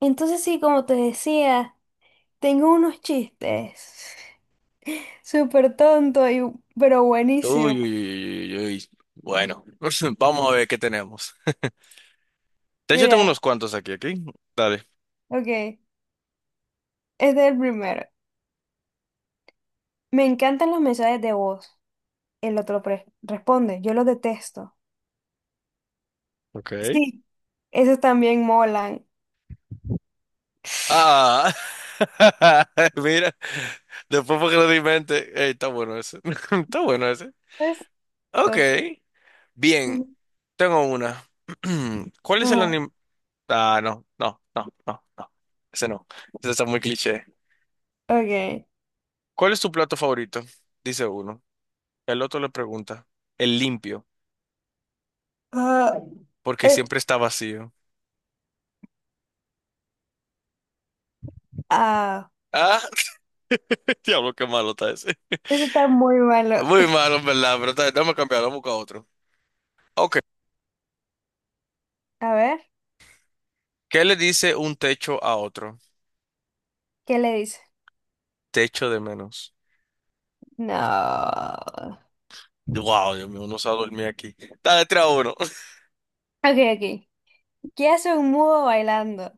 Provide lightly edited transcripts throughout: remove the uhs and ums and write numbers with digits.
Entonces sí, como te decía, tengo unos chistes súper tonto y, pero Uy, buenísimo. uy, uy, uy, uy, uy. Bueno, vamos a ver qué tenemos. De hecho, tengo Mira, unos cuantos aquí. Dale. ok, este es el primero. Me encantan los mensajes de voz. El otro responde, yo los detesto. Ok. Sí, esos también molan. Ah, mira, después porque lo di en mente. Ey, está bueno ese. Está bueno ese. Ok, Esto. bien, tengo una. ¿Cuál es el Ajá, anime? Ah, no, no, no, no, no. Ese no. Ese está muy cliché. ok. ¿Cuál es tu plato favorito? Dice uno. El otro le pregunta. El limpio, Ah, porque es- siempre está vacío. ah, Ah, diablo, qué malo está ese. ese está muy malo. Muy malo, en verdad, pero está, bien, déjame cambiar, vamos a buscar otro. Ok. A ver, ¿Qué le dice un techo a otro? ¿qué le dice? Techo de menos. No. Ok, Wow, Dios mío, uno se va a dormir aquí. Está tres uno. ok. ¿Qué hace un mudo bailando?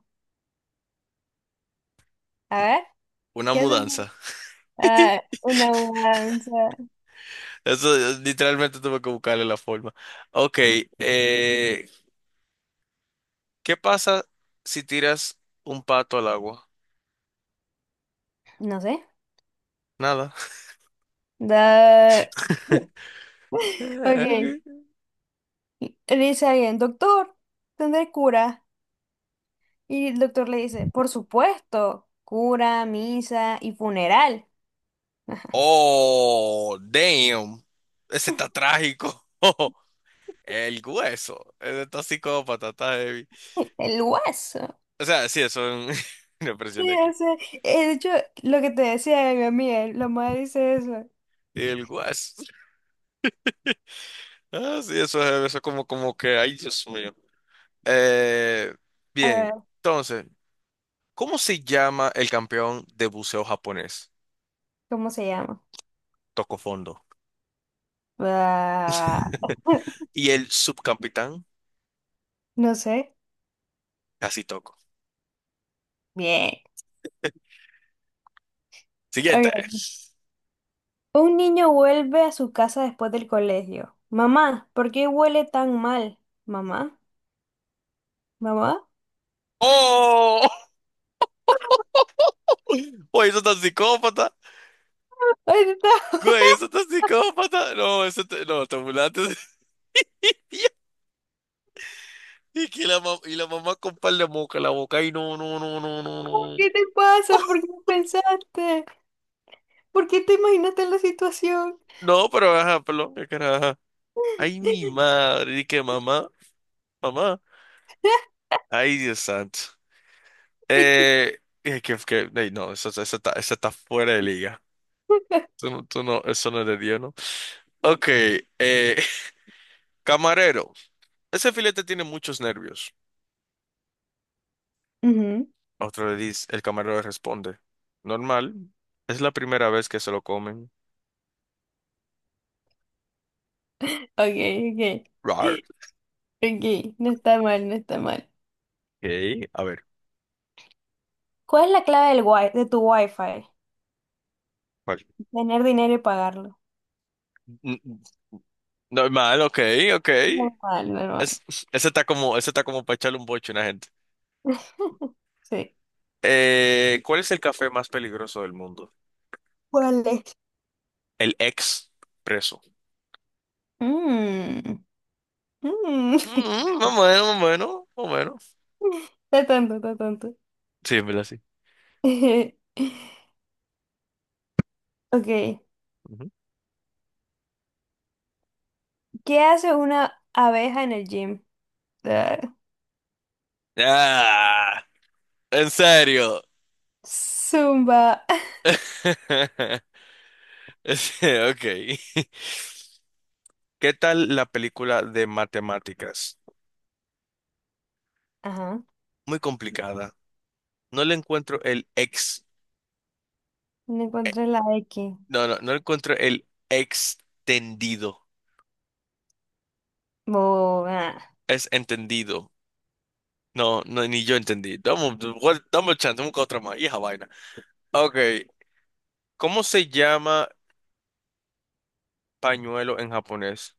A ver. Una ¿Qué es una, mudanza. ah, ¿Una mudanza? Eso literalmente tuve que buscarle la forma. Ok, eh, ¿qué pasa si tiras un pato al agua? No sé. Nada. Da... Ok. Le dice alguien, doctor, ¿tendré cura? Y el doctor le dice, por supuesto, cura, misa y funeral. Oh, damn. Ese está trágico. El hueso. Ese está psicópata, está heavy. El hueso. O sea, sí, eso es un una Sí, presión de o aquí. sea, de hecho, lo que te decía de mi amiga, la madre dice eso. El guas. Ah, sí, eso es como, como que, ay, Dios mío. Eh, A bien, ver, entonces, ¿cómo se llama el campeón de buceo japonés? ¿cómo se llama? Toco fondo. Ah, Y el subcapitán, no sé. casi toco. Bien. Siguiente. Ok. Un niño vuelve a su casa después del colegio. Mamá, ¿por qué huele tan mal? Mamá, mamá. ¡Oh! Oye, eso está psicópata. Ay, está. Güey, eso está psicópata. No, eso te, no, te burlaste. Y, que la, y la mamá con par de moca en la boca. Ay, no, no, no, no, no, no. ¿Qué te pasa? ¿Por qué no pensaste? ¿Por qué te imaginaste la situación? No, pero ajá, perdón, qué cara, ajá. Ay, mi madre, y que mamá, mamá. Ay, Dios santo. Ay, qué- Eh, que, ay, no, eso, eso está fuera de liga. Tú, no, eso no es de Dios, ¿no? Ok, eh, camarero. Ese filete tiene muchos nervios. Ujú. A otro le dice, el camarero le responde. Normal, es la primera vez que se lo comen. Ok, ok. Rar. Ok, no está mal, no está mal. Ok, a ver, ¿Cuál es la clave de tu wifi? ¿cuál? Tener dinero y pagarlo. N- n- Normal, ok, ok. Normal, normal. Es, ese está como para echarle un boche a una gente. Sí. ¿Cuál es el café más peligroso del mundo? ¿Cuál es? El expreso. Mmm. Mmm. Mm, más o menos, más o menos, más o menos. Está tonto, está tonto. Sí, en verdad, sí. Ok. Ujú. ¿Qué hace una abeja en el gym? Ah, Ah, en serio. Zumba. Sí, ok. ¿Qué tal la película de matemáticas? Ajá. Muy complicada. No le encuentro el ex. No eh, encontré la X. no, no, no le encuentro el extendido. Bo- ah, Es entendido. No, no, ni yo entendí. Dame, dame un chance, dame otra más. Hija vaina. Ok. ¿Cómo se llama pañuelo en japonés?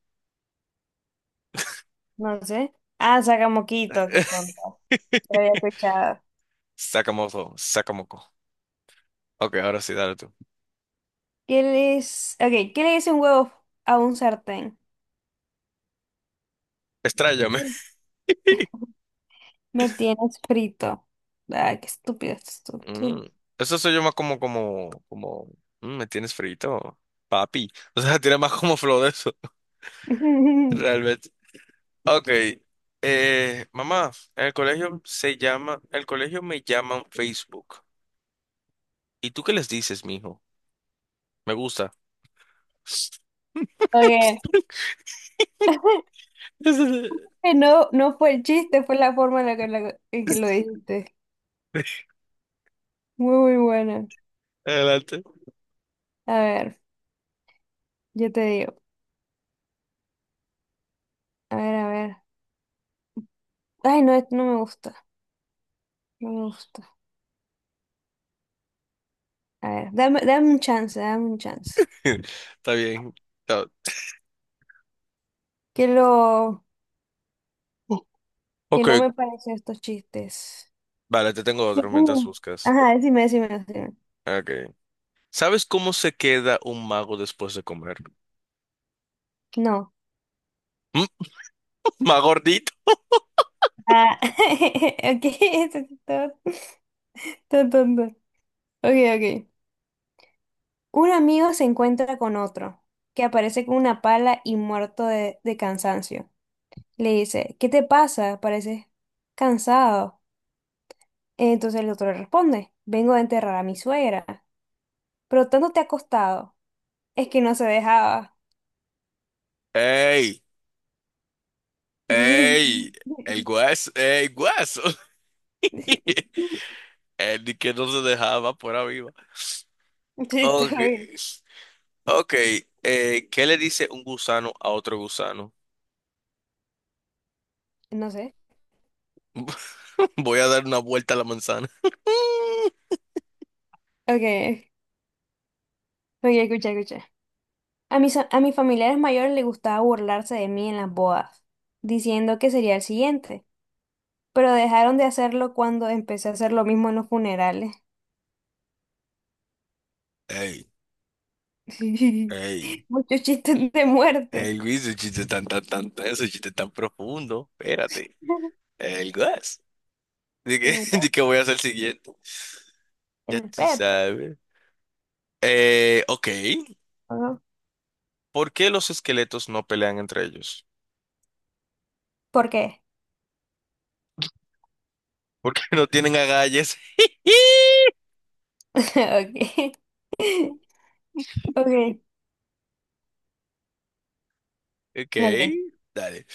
no sé. Ah, saca moquito, qué tonto. Lo había escuchado. Sakamoto, Sakamoko. Ok, ahora sí, dale tú. Ok, ¿qué le dice un huevo a un sartén? Estrállame. Me tienes frito. Ah, qué estúpido esto. Tú. Mm, Eso se llama como, como, como, mm, me tienes frito, papi. O sea, tiene más como flow de eso, realmente. Ok, mamá, en el colegio se llama, el colegio me llaman Facebook. ¿Y tú qué les dices, mijo? Me gusta. Ok. No, no fue el chiste, fue la forma en la en que lo dijiste. Muy, muy bueno. Adelante. A ver. Yo te digo, a ver, a ver. Ay, no, esto no me gusta, no me gusta. A ver, dame un chance, dame un chance. Está bien. Está- Que lo, que Ok, no me parecen estos chistes. vale, te tengo otro mientras Uh, buscas. ajá, decime. Ok. ¿Sabes cómo se queda un mago después de comer? No. ¿Mm? ¿Más gordito? Ah, ok, esto sí está tonto. Ok, ok. Un amigo se encuentra con otro, que aparece con una pala y muerto de cansancio. Le dice, ¿qué te pasa? Pareces cansado. Entonces el otro le responde, vengo a enterrar a mi suegra, pero tanto te ha costado, es que no se dejaba. ¡Ey! ¡Ey! El guaso, ey guaso. El de que no se dejaba por viva. Sí, está Ok. bien. Ok. ¿Qué le dice un gusano a otro gusano? No sé. Voy a dar una vuelta a la manzana. Ok, ok, escucha, escucha. A mis familiares mayores les gustaba burlarse de mí en las bodas, diciendo que sería el siguiente, pero dejaron de hacerlo cuando empecé a hacer lo mismo en los funerales. ¡Ey! ¡Ey! Muchos chistes de muerte. ¡Ey, Luis! Ese chiste tan, tan, tan, ese chiste tan profundo. Espérate. El guas. De que, de que voy a hacer el siguiente. Ya El tú Pepe, sabes. Ok. ¿no? ¿Por qué los esqueletos no pelean entre ellos? ¿Por qué? Porque no tienen agallas. Ok. Okay. Ok, Ok. dale.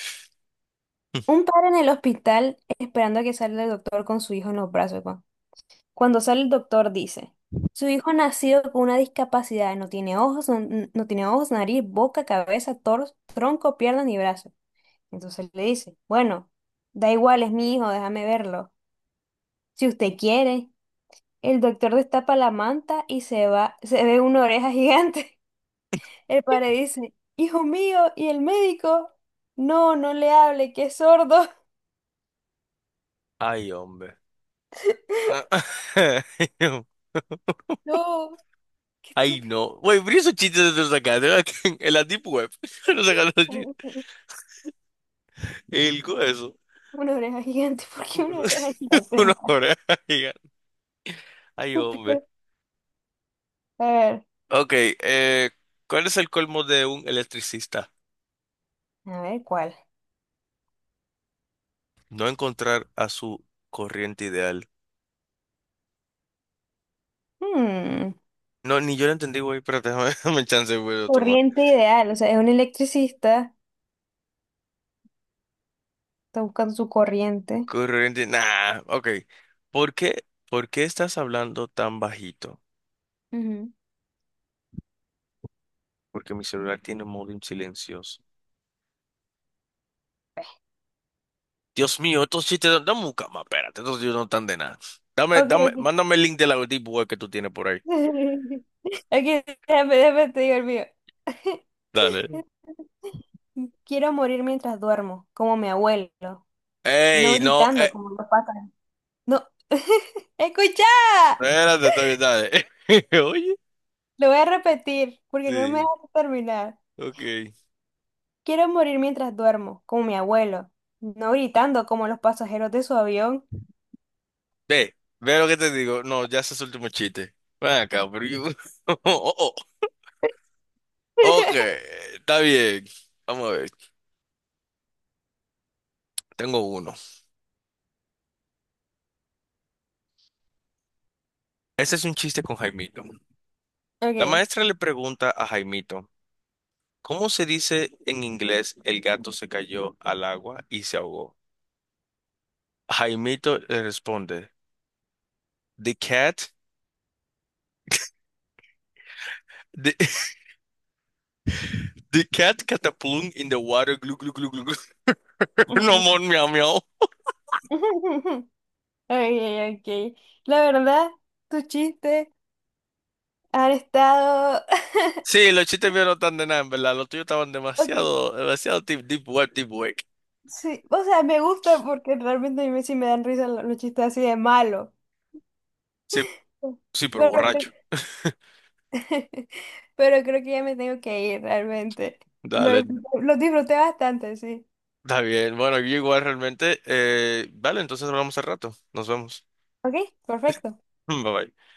Un padre en el hospital esperando a que salga el doctor con su hijo en los brazos. Juan. Cuando sale el doctor dice, su hijo ha nacido con una discapacidad, no tiene ojos, nariz, boca, cabeza, torso, tronco, pierna ni brazo. Entonces le dice, bueno, da igual, es mi hijo, déjame verlo. Si usted quiere, el doctor destapa la manta y se va, se ve una oreja gigante. El padre dice, hijo mío, ¿y el médico? No, no le hable, que es sordo. Ay, hombre. Ah, No, qué ay, estúpido. no. Güey, pero esos chistes de los sacaste, ¿verdad? En la Deep Web. Los sacaste los chistes. El hueso. Una oreja gigante, ¿por qué una Uno, oreja gigante? una Más oreja gigante. Ay, hombre. estúpido. A ver, Ok, eh, ¿cuál es el colmo de un electricista? a ver cuál. No encontrar a su corriente ideal. Hmm, No, ni yo lo entendí, güey, pero déjame, dame chance, güey, de otro más. corriente ideal, o sea, es un electricista, está buscando su corriente. Corriente, nah, ok. Por qué estás hablando tan bajito? Ujú. Porque mi celular tiene modo en silencioso. Dios mío, estos chistes, dame un cama, espérate, estos chistes no están de nada. Dame, Ok, dame, ok. mándame el link de la deep web que tú tienes por ahí. Aquí, déjame, te digo el mío. Dale. Quiero morir mientras duermo, como mi abuelo. No Ey, no, gritando como los pájaros. No, escucha, espérate, está bien, dale. Oye, lo voy a repetir porque no me sí, dejas terminar. ok. Quiero morir mientras duermo, como mi abuelo. No gritando como los pasajeros de su avión. Ve, ve lo que te digo. No, ya ese es el último chiste. Ven acá, oh, oh. Ok, está bien. Vamos a ver, tengo uno. Este es un chiste con Jaimito. La Ok. maestra le pregunta a Jaimito, ¿cómo se dice en inglés el gato se cayó al agua y se ahogó? Jaimito le responde, the cat, the, the cat cataplum in the water, glu, glu, glu, glu, glu. No more miau, miau. Okay, okay. La verdad, tus chistes han estado. Sí, los chistes míos no están de nada, en verdad. Los tuyos estaban Ok, demasiado, demasiado deep, deep web, deep web. sí. O sea, me gusta porque realmente a mí sí me dan risa los chistes así de malo. Sí, sí, pero Bueno, borracho. pero creo que ya me tengo que ir realmente. Dale, Lo disfruté bastante, sí. está bien. Bueno, yo igual realmente. Vale, entonces hablamos al rato. Nos vemos. Ok, perfecto. Bye bye.